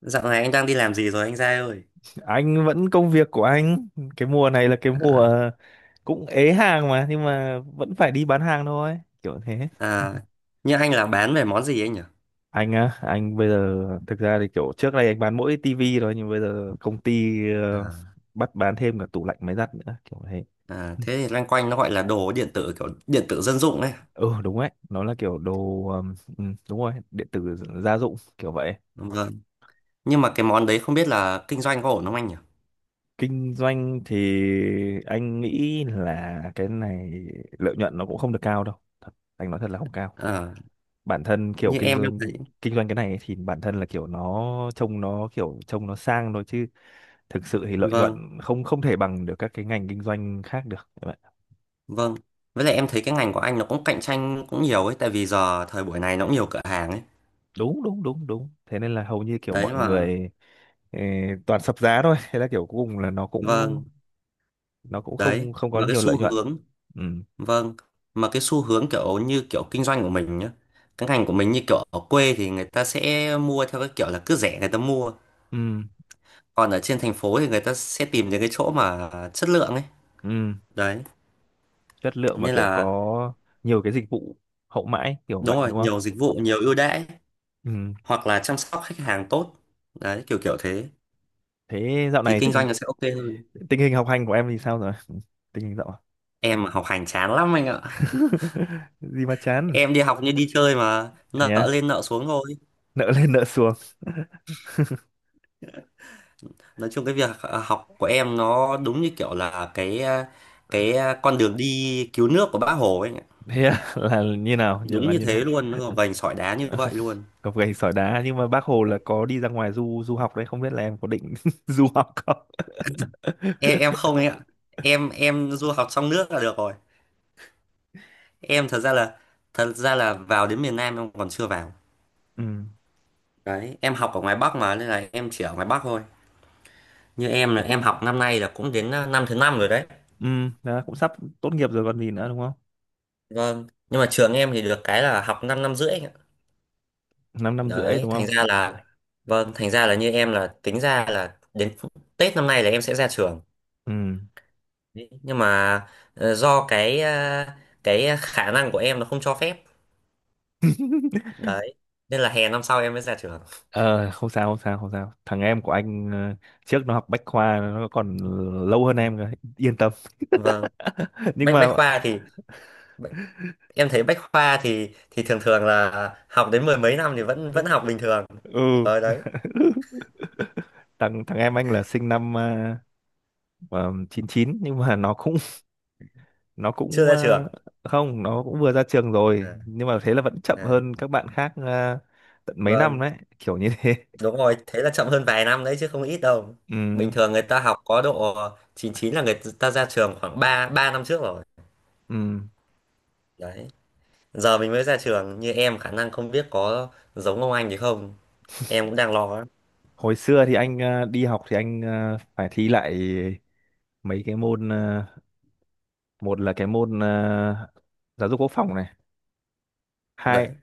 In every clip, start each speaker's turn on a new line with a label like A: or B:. A: Dạo này anh đang đi làm gì rồi anh Giai ơi?
B: Anh vẫn công việc của anh. Cái mùa này là cái mùa cũng ế hàng mà, nhưng mà vẫn phải đi bán hàng thôi kiểu thế.
A: À, như anh là bán về món gì anh nhỉ?
B: Anh á, anh bây giờ thực ra thì kiểu trước đây anh bán mỗi tivi thôi, nhưng bây giờ công ty
A: À,
B: bắt bán thêm cả tủ lạnh, máy giặt nữa kiểu thế.
A: à, thế thì loanh quanh nó gọi là đồ điện tử kiểu điện tử dân dụng ấy.
B: Ừ đúng đấy, nó là kiểu đồ đúng rồi, điện tử gia dụng kiểu vậy.
A: Đúng rồi. Nhưng mà cái món đấy không biết là kinh doanh có ổn không anh nhỉ?
B: Kinh doanh thì anh nghĩ là cái này lợi nhuận nó cũng không được cao đâu. Thật, anh nói thật là không cao.
A: À,
B: Bản thân kiểu
A: như
B: kinh
A: em thấy,
B: doanh, kinh doanh cái này ấy, thì bản thân là kiểu nó trông, nó kiểu trông nó sang thôi, chứ thực sự thì lợi nhuận
A: vâng,
B: không không thể bằng được các cái ngành kinh doanh khác được các bạn.
A: vâng. Với lại em thấy cái ngành của anh nó cũng cạnh tranh cũng nhiều ấy, tại vì giờ thời buổi này nó cũng nhiều cửa hàng ấy.
B: Đúng đúng đúng đúng, thế nên là hầu như kiểu
A: Đấy
B: mọi
A: mà,
B: người ờ, toàn sập giá thôi, thế là kiểu cuối cùng là nó cũng,
A: vâng,
B: nó cũng
A: đấy.
B: không không có
A: Mà cái
B: nhiều
A: xu
B: lợi nhuận.
A: hướng
B: Ừ.
A: Vâng, mà cái xu hướng kiểu như kiểu kinh doanh của mình nhá, cái ngành của mình như kiểu ở quê thì người ta sẽ mua theo cái kiểu là cứ rẻ người ta mua,
B: Ừ.
A: còn ở trên thành phố thì người ta sẽ tìm những cái chỗ mà chất lượng ấy.
B: Ừ,
A: Đấy,
B: chất lượng mà
A: nên
B: kiểu
A: là
B: có nhiều cái dịch vụ hậu mãi kiểu
A: đúng
B: vậy,
A: rồi,
B: đúng không?
A: nhiều dịch vụ, nhiều ưu đãi
B: Ừ.
A: hoặc là chăm sóc khách hàng tốt. Đấy, kiểu kiểu thế
B: thế dạo
A: thì
B: này
A: kinh
B: tình
A: doanh nó sẽ ok hơn.
B: tình hình học hành của em thì sao rồi? Ừ, tình hình dạo…
A: Em mà học hành chán lắm anh ạ.
B: Gì mà chán?
A: Em đi học như đi chơi mà
B: Thế
A: nợ
B: à?
A: lên nợ xuống thôi.
B: Nợ lên nợ xuống?
A: Nói chung cái việc học của em nó đúng như kiểu là cái con đường đi cứu nước của Bác Hồ ấy anh ạ.
B: Thế à? Là như nào, như
A: Đúng
B: là
A: như
B: như nào?
A: thế luôn, nó gồng gành sỏi đá như
B: Ờ,
A: vậy luôn.
B: cọc gạch sỏi đá, nhưng mà bác Hồ là có đi ra ngoài du du học đấy, không biết là em có định du học không?
A: Em không ấy ạ. Em du học trong nước là được rồi. em thật ra là Thật ra là vào đến miền Nam em còn chưa vào.
B: Ừ.
A: Đấy em học ở ngoài Bắc mà nên là em chỉ ở ngoài Bắc thôi. Như em là em học năm nay là cũng đến năm thứ năm rồi đấy.
B: Ừ. Đó, cũng sắp tốt nghiệp rồi còn gì nữa, đúng không?
A: Vâng, nhưng mà trường em thì được cái là học 5 năm năm rưỡi
B: Năm năm rưỡi
A: đấy,
B: đúng
A: thành ra
B: không?
A: là vâng, thành ra là như em là tính ra là đến Tết năm nay là em sẽ ra trường.
B: Ừ.
A: Đấy, nhưng mà do cái khả năng của em nó không cho phép. Đấy nên là hè năm sau em mới ra trường.
B: Ờ không sao, không sao, không sao, thằng em của anh trước nó học bách khoa, nó còn lâu hơn em rồi, yên tâm.
A: Vâng.
B: Nhưng
A: bách
B: mà…
A: bách khoa thì bách- em thấy bách khoa thì thường thường là học đến mười mấy năm thì vẫn vẫn học bình thường
B: Ừ.
A: ở đấy,
B: thằng thằng em anh là sinh năm 99, nhưng mà nó cũng, nó
A: chưa
B: cũng
A: ra trường
B: không, nó cũng vừa ra trường rồi,
A: à,
B: nhưng mà thế là vẫn chậm
A: à.
B: hơn các bạn khác tận mấy năm
A: Vâng.
B: đấy, kiểu như thế.
A: Đúng rồi, thế là chậm hơn vài năm đấy chứ không ít đâu.
B: Ừ,
A: Bình thường người ta học có độ 99 là người ta ra trường khoảng 3 3 năm trước rồi.
B: ừ.
A: Đấy. Giờ mình mới ra trường như em khả năng không biết có giống ông anh thì không. Em cũng đang lo lắm.
B: Hồi xưa thì anh đi học thì anh phải thi lại mấy cái môn một là cái môn giáo dục quốc phòng này, hai,
A: Đấy.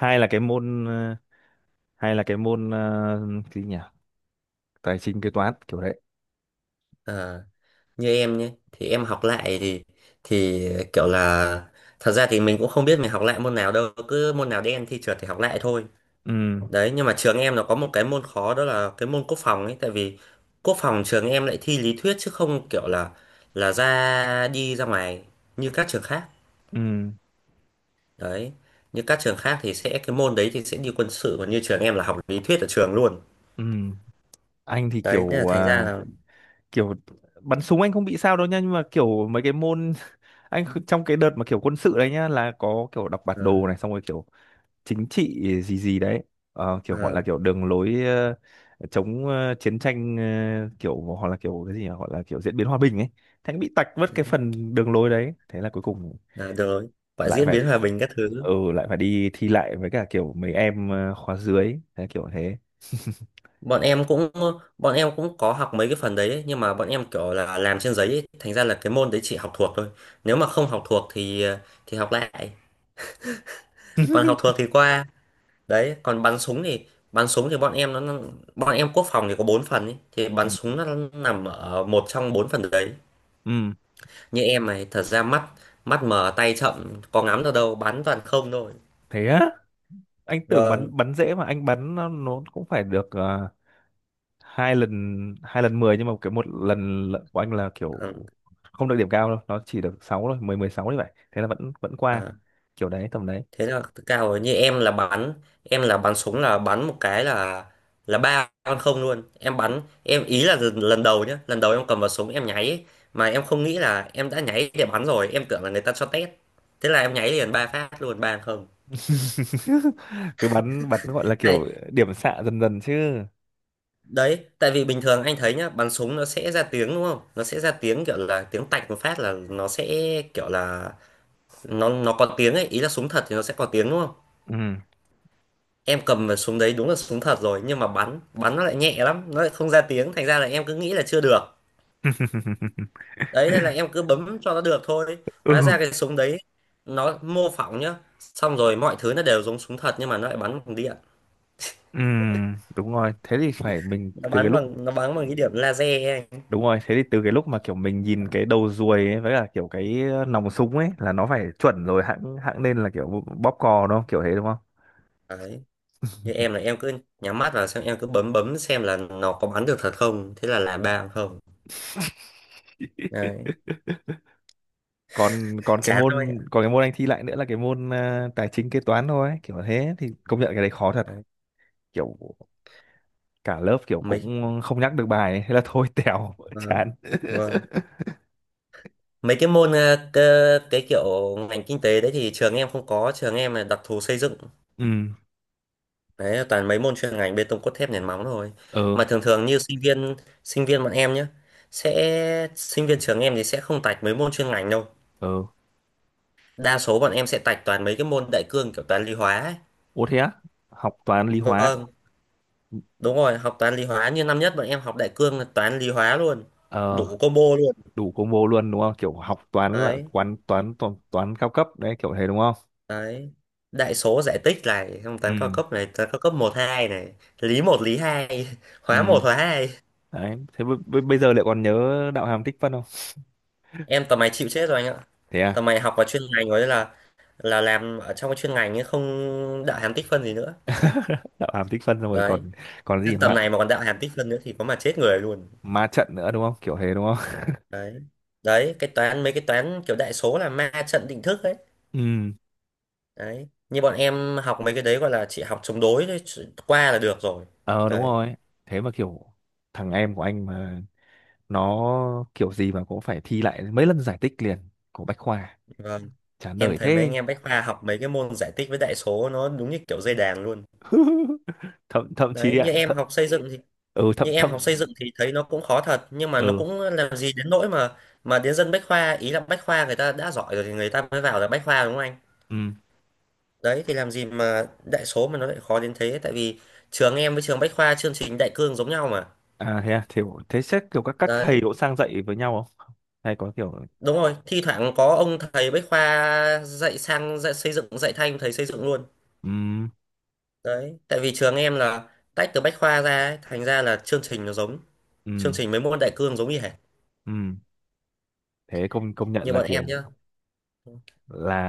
B: hai là cái môn hai là cái môn cái gì nhỉ, tài chính kế toán kiểu đấy.
A: À, như em nhé, thì em học lại thì kiểu là, thật ra thì mình cũng không biết mình học lại môn nào đâu, cứ môn nào đen thi trượt thì học lại thôi.
B: Ừ.
A: Đấy, nhưng mà trường em nó có một cái môn khó, đó là cái môn quốc phòng ấy, tại vì quốc phòng trường em lại thi lý thuyết chứ không kiểu là ra đi ra ngoài như các trường khác.
B: Ừ.
A: Đấy, như các trường khác thì sẽ cái môn đấy thì sẽ đi quân sự, còn như trường em là học lý thuyết ở trường luôn.
B: Ừ, anh thì
A: Đấy, nên là
B: kiểu
A: thành ra
B: à,
A: là
B: kiểu bắn súng anh không bị sao đâu nha, nhưng mà kiểu mấy cái môn… Anh trong cái đợt mà kiểu quân sự đấy nhá, là có kiểu đọc bản
A: ờ,
B: đồ này, xong rồi kiểu chính trị gì gì đấy. Ờ, kiểu gọi là
A: ờ,
B: kiểu đường lối chống chiến tranh, kiểu hoặc là kiểu cái gì nhỉ? Gọi là kiểu diễn biến hòa bình ấy. Thế anh bị tạch mất cái phần đường lối đấy, thế là cuối cùng
A: ờ, được rồi, phải
B: lại
A: diễn
B: phải…
A: biến hòa bình các thứ.
B: Ừ, lại phải đi thi lại với cả kiểu mấy em khóa dưới, thế kiểu thế.
A: Bọn em cũng bọn em cũng có học mấy cái phần đấy ấy, nhưng mà bọn em kiểu là làm trên giấy ấy, thành ra là cái môn đấy chỉ học thuộc thôi. Nếu mà không học thuộc thì thì học lại. Còn học thuộc thì qua. Đấy còn bắn súng thì, bắn súng thì bọn em nó bọn em quốc phòng thì có 4 phần ý. Thì
B: Ừ,
A: bắn súng nó nằm ở một trong 4 phần đấy.
B: ừ.
A: Như em này thật ra mắt mắt mờ tay chậm, có ngắm được đâu, bắn toàn không thôi.
B: Thế á? Anh tưởng
A: Vâng.
B: bắn, bắn dễ mà anh bắn nó cũng phải được hai lần, hai lần mười, nhưng mà cái một lần lận của anh là kiểu
A: Ừ.
B: không được điểm cao đâu, nó chỉ được sáu thôi, mười mười sáu như vậy, thế là vẫn vẫn qua
A: À.
B: kiểu đấy tầm đấy.
A: Thế là cao rồi, như em là bắn một cái là ba con không luôn, em bắn em ý là lần lần đầu nhá, lần đầu em cầm vào súng em nháy ấy. Mà em không nghĩ là em đã nháy để bắn rồi, em tưởng là người ta cho test, thế là em nháy liền 3 phát luôn, ba không.
B: Cứ bắn bắn gọi là kiểu
A: Hay
B: điểm xạ dần dần chứ.
A: đấy, tại vì bình thường anh thấy nhá, bắn súng nó sẽ ra tiếng đúng không, nó sẽ ra tiếng kiểu là tiếng tạch một phát là nó sẽ kiểu là nó có tiếng ấy, ý là súng thật thì nó sẽ có tiếng đúng không.
B: Ừ.
A: Em cầm vào súng đấy đúng là súng thật rồi, nhưng mà bắn bắn nó lại nhẹ lắm, nó lại không ra tiếng, thành ra là em cứ nghĩ là chưa được, đấy nên là em cứ bấm cho nó được thôi. Hóa
B: Ừ.
A: ra cái súng đấy nó mô phỏng nhá, xong rồi mọi thứ nó đều giống súng thật nhưng mà nó lại bắn bằng điện,
B: Ừ, đúng rồi, thế thì phải mình từ cái lúc…
A: nó bắn bằng cái điểm laser ấy
B: Đúng rồi, thế thì từ cái lúc mà kiểu mình nhìn cái đầu ruồi ấy, với cả kiểu cái nòng súng ấy là nó phải chuẩn rồi, hãng hãng nên là kiểu bóp cò đúng không? Kiểu thế đúng không?
A: anh. Đấy, như em là em cứ nhắm mắt vào xem, em cứ bấm bấm xem là nó có bắn được thật không, thế là ba không. Đấy,
B: Còn còn cái
A: chán thôi
B: môn,
A: ạ.
B: còn cái môn anh thi lại nữa là cái môn à, tài chính kế toán thôi ấy, kiểu thế, thì công nhận cái đấy khó thật,
A: Đấy.
B: kiểu cả lớp kiểu
A: Mấy,
B: cũng không nhắc được bài ấy. Thế là thôi tèo.
A: vâng,
B: Chán.
A: vâng, mấy cái môn cái kiểu ngành kinh tế đấy thì trường em không có, trường em là đặc thù xây dựng,
B: Ừ,
A: đấy là toàn mấy môn chuyên ngành bê tông cốt thép nền móng thôi,
B: ừ,
A: mà thường thường như sinh viên, sinh viên bọn em nhé sẽ sinh viên trường em thì sẽ không tạch mấy môn chuyên ngành đâu,
B: ừ.
A: đa số bọn em sẽ tạch toàn mấy cái môn đại cương kiểu toán lý hóa ấy.
B: Ủa thế á? Học toán lý hóa.
A: Vâng, đúng rồi, học toán lý hóa, như năm nhất bọn em học đại cương là toán lý hóa luôn,
B: Ờ,
A: đủ combo luôn.
B: đủ combo luôn đúng không? Kiểu học toán là
A: Đấy,
B: quán toán toán, toán cao cấp đấy kiểu thế đúng không?
A: đấy, đại số giải tích này, xong toán cao
B: Ừ.
A: cấp này, toán cao cấp một hai này, lý một lý hai hóa một
B: Ừ.
A: hóa hai.
B: Đấy thế bây giờ lại còn nhớ đạo hàm tích phân không?
A: Em tầm này chịu chết rồi anh ạ,
B: Thế
A: tầm
B: à?
A: này học vào chuyên ngành rồi là làm ở trong cái chuyên ngành ấy, không đạo hàm tích phân gì nữa
B: Đạo hàm tích phân xong rồi
A: đấy.
B: còn, còn
A: Chứ
B: gì
A: tầm
B: ma,
A: này mà còn đạo hàm tích phân nữa thì có mà chết người luôn.
B: ma trận nữa đúng không, kiểu thế đúng không?
A: Đấy, đấy cái toán, mấy cái toán kiểu đại số là ma trận định thức ấy.
B: Ừ.
A: Đấy, như bọn em học mấy cái đấy gọi là chỉ học chống đối thôi, qua là được rồi
B: Ờ đúng
A: đấy.
B: rồi. Thế mà kiểu thằng em của anh mà nó kiểu gì mà cũng phải thi lại mấy lần giải tích liền, của Bách Khoa.
A: Vâng.
B: Chán
A: Em
B: đời
A: thấy mấy anh
B: thế.
A: em bách khoa học mấy cái môn giải tích với đại số nó đúng như kiểu dây đàn luôn
B: thậm thậm
A: đấy,
B: chí ạ, thậm… Ừ thậm
A: như em học
B: thậm
A: xây dựng thì thấy nó cũng khó thật nhưng mà nó
B: Ừ.
A: cũng làm gì đến nỗi mà đến dân bách khoa, ý là bách khoa người ta đã giỏi rồi thì người ta mới vào là bách khoa đúng không anh,
B: Ừ.
A: đấy thì làm gì mà đại số mà nó lại khó đến thế, tại vì trường em với trường bách khoa chương trình đại cương giống nhau mà.
B: À thế à? Thế thế xét kiểu các thầy
A: Đấy,
B: cũng sang dạy với nhau không, hay có kiểu…
A: đúng rồi, thi thoảng có ông thầy bách khoa dạy sang dạy xây dựng, dạy thanh thầy xây dựng luôn.
B: Ừ.
A: Đấy, tại vì trường em là tách từ bách khoa ra ấy, thành ra là chương trình nó giống, chương
B: Ừ.
A: trình mấy môn đại cương giống như hệt.
B: Ừ, thế công công nhận
A: Như
B: là
A: bọn em
B: kiểu
A: nhá,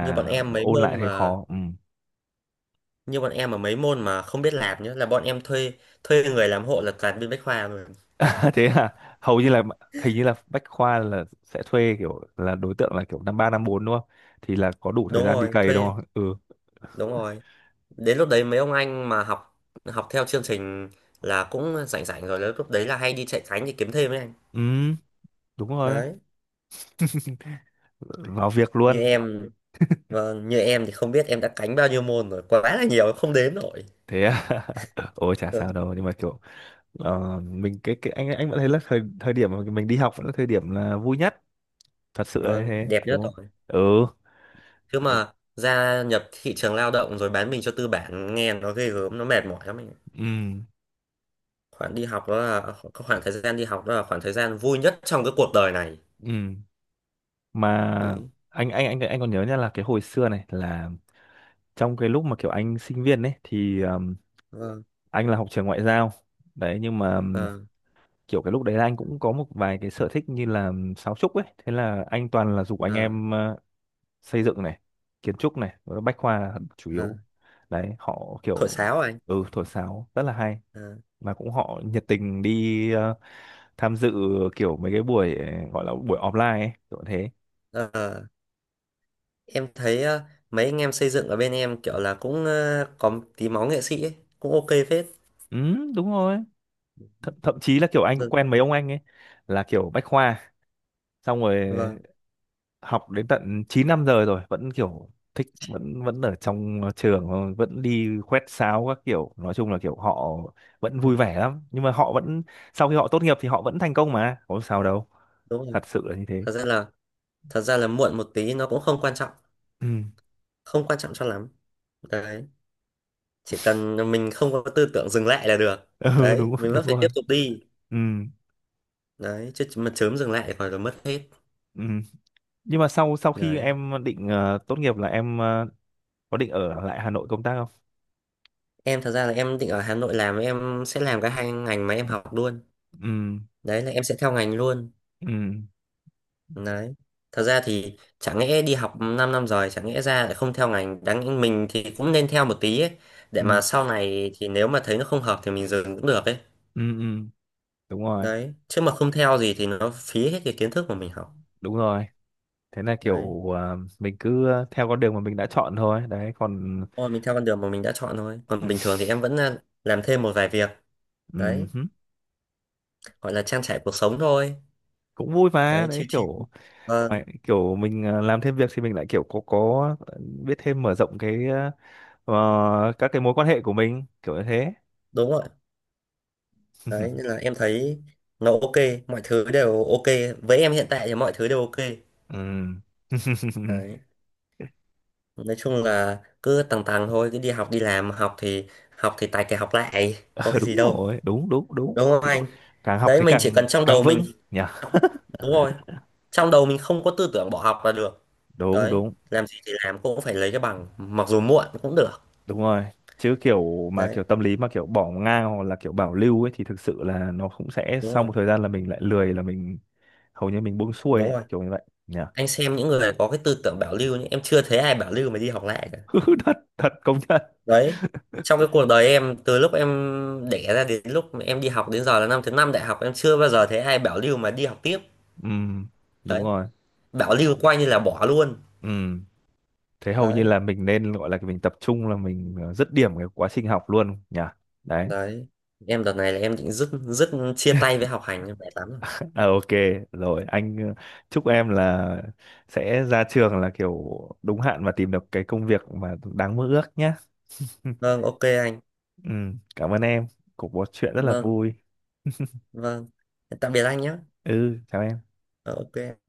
A: như bọn em mấy
B: ôn lại
A: môn
B: thấy
A: mà
B: khó. Ừ.
A: như bọn em mà mấy môn mà không biết làm nhá là bọn em thuê thuê người làm hộ là toàn bên bách khoa rồi.
B: Thế à? Hầu như là, hình như là bách khoa là sẽ thuê kiểu là đối tượng là kiểu năm ba năm bốn đúng không, thì là có đủ thời
A: Đúng
B: gian đi
A: rồi,
B: cày đúng không? Ừ.
A: đúng rồi, đến lúc đấy mấy ông anh mà học học theo chương trình là cũng rảnh rảnh rồi, lúc đấy là hay đi chạy cánh để kiếm thêm ấy anh.
B: Ừ đúng rồi,
A: Đấy,
B: vào việc
A: như
B: luôn.
A: em, vâng, như em thì không biết em đã cánh bao nhiêu môn rồi, quá là nhiều không đếm nổi.
B: Thế à? Ôi chả sao
A: Vâng,
B: đâu, nhưng mà kiểu mình cái anh vẫn thấy là thời thời điểm mà mình đi học vẫn là thời điểm là vui nhất, thật sự là như
A: vâng,
B: thế
A: đẹp nhất
B: đúng không?
A: rồi.
B: Ừ.
A: Chứ mà gia nhập thị trường lao động rồi bán mình cho tư bản nghe nó ghê gớm, nó mệt mỏi lắm ấy.
B: Ừ.
A: Khoảng đi học đó là cái khoảng thời gian đi học đó là khoảng thời gian vui nhất trong cái cuộc đời này
B: Ừ mà
A: đấy.
B: anh còn nhớ nha, là cái hồi xưa này là trong cái lúc mà kiểu anh sinh viên ấy thì
A: Vâng.
B: anh là học trường ngoại giao đấy, nhưng mà
A: ờ
B: kiểu cái lúc đấy là anh cũng có một vài cái sở thích như là sáo trúc ấy, thế là anh toàn là giục anh
A: ờ
B: em xây dựng này, kiến trúc này, rồi bách khoa là chủ
A: ờ
B: yếu đấy, họ
A: Thổi
B: kiểu…
A: sáo à anh?
B: Ừ, thổi sáo rất là hay,
A: ờ
B: mà cũng họ nhiệt tình đi tham dự kiểu mấy cái buổi gọi là buổi offline ấy, kiểu thế.
A: ờ. Ờ. Em thấy, mấy anh em xây dựng ở bên em kiểu là cũng có tí máu nghệ sĩ ấy, cũng ok phết.
B: Ừ đúng rồi. Th thậm chí là kiểu anh cũng
A: Vâng.
B: quen mấy ông anh ấy là kiểu bách khoa, xong rồi
A: Vâng.
B: học đến tận 9 năm giờ rồi vẫn kiểu thích, vẫn vẫn ở trong trường thôi, vẫn đi quét sáo các kiểu, nói chung là kiểu họ vẫn vui
A: Ừ,
B: vẻ lắm, nhưng mà họ vẫn, sau khi họ tốt nghiệp thì họ vẫn thành công mà có sao đâu,
A: đúng rồi.
B: thật sự là như thế.
A: Thật ra là muộn một tí nó cũng không quan trọng,
B: Ừ,
A: không quan trọng cho lắm đấy. Chỉ cần mình không có tư tưởng dừng lại là được,
B: ừ
A: đấy
B: đúng
A: mình vẫn
B: đúng
A: phải
B: rồi.
A: tiếp tục đi,
B: Ừ,
A: đấy chứ mà chớm dừng lại còn là mất hết.
B: ừ. Nhưng mà sau, sau khi
A: Đấy,
B: em định tốt nghiệp là em có định ở lại Hà Nội công tác không?
A: em thật ra là em định ở Hà Nội làm, em sẽ làm cả hai ngành mà em học luôn,
B: Ừ,
A: đấy là em sẽ theo ngành luôn.
B: ừ,
A: Đấy, thật ra thì chẳng lẽ đi học 5 năm rồi chẳng lẽ ra lại không theo ngành, đáng lẽ mình thì cũng nên theo một tí ấy, để mà
B: ừ,
A: sau này thì nếu mà thấy nó không hợp thì mình dừng cũng được ấy.
B: ừ, ừ. Đúng rồi.
A: Đấy chứ mà không theo gì thì nó phí hết cái kiến thức mà mình học.
B: Đúng rồi, thế là
A: Đấy,
B: kiểu à, mình cứ theo con đường mà mình đã chọn thôi đấy, còn…
A: thôi mình theo con đường mà mình đã chọn thôi. Còn
B: Ừ,
A: bình thường thì em vẫn làm thêm một vài việc.
B: ừ,
A: Đấy,
B: hứ,
A: gọi là trang trải cuộc sống thôi.
B: cũng vui mà
A: Đấy,
B: đấy
A: chill chill.
B: kiểu
A: Ờ,
B: ngoài- kiểu mình à, làm thêm việc thì mình lại kiểu có biết thêm, mở rộng cái à, ờ, các cái mối quan hệ của mình kiểu như thế.
A: đúng rồi. Đấy, nên là em thấy nó ok. Mọi thứ đều ok. Với em hiện tại thì mọi thứ đều ok.
B: Ừ.
A: Đấy, nói chung là cứ tầng tầng thôi, cứ đi học, đi làm. Học thì tài kẻ học lại, có
B: Ờ,
A: cái gì
B: đúng
A: đâu.
B: rồi đúng đúng đúng,
A: Đúng không
B: thì
A: anh?
B: càng học
A: Đấy,
B: thì
A: mình chỉ
B: càng,
A: cần trong
B: càng
A: đầu mình.
B: vững nhỉ.
A: Đúng rồi. Trong đầu mình không có tư tưởng bỏ học là được.
B: Đúng
A: Đấy,
B: đúng
A: làm gì thì làm cũng phải lấy cái bằng, mặc dù muộn cũng được.
B: đúng rồi. Chứ kiểu mà
A: Đấy.
B: kiểu tâm lý mà kiểu bỏ ngang hoặc là kiểu bảo lưu ấy, thì thực sự là nó cũng sẽ
A: Đúng
B: sau
A: rồi,
B: một thời gian là mình lại lười, là mình hầu như mình buông xuôi ấy,
A: đúng rồi,
B: kiểu như vậy nhỉ.
A: anh xem những người có cái tư tưởng bảo lưu nhé, em chưa thấy ai bảo lưu mà đi học lại cả
B: Thật thật công nhận.
A: đấy. Trong cái cuộc đời em từ lúc em đẻ ra đến lúc mà em đi học đến giờ là năm thứ năm đại học, em chưa bao giờ thấy ai bảo lưu mà đi học tiếp,
B: Ừm, đúng
A: đấy
B: rồi.
A: bảo lưu coi như là bỏ luôn
B: Ừm, thế hầu như
A: đấy.
B: là mình nên gọi là mình tập trung là mình dứt điểm cái quá trình học luôn nhỉ. Đấy.
A: Đấy, em đợt này là em định dứt dứt chia tay với học hành, em mệt lắm rồi.
B: À, ok rồi anh chúc em là sẽ ra trường là kiểu đúng hạn và tìm được cái công việc mà đáng mơ ước nhé.
A: Vâng, ok anh.
B: Cảm ơn em, cuộc trò chuyện rất là
A: Vâng,
B: vui.
A: vâng, tạm biệt anh nhé.
B: Ừ chào em.
A: Ờ, ok.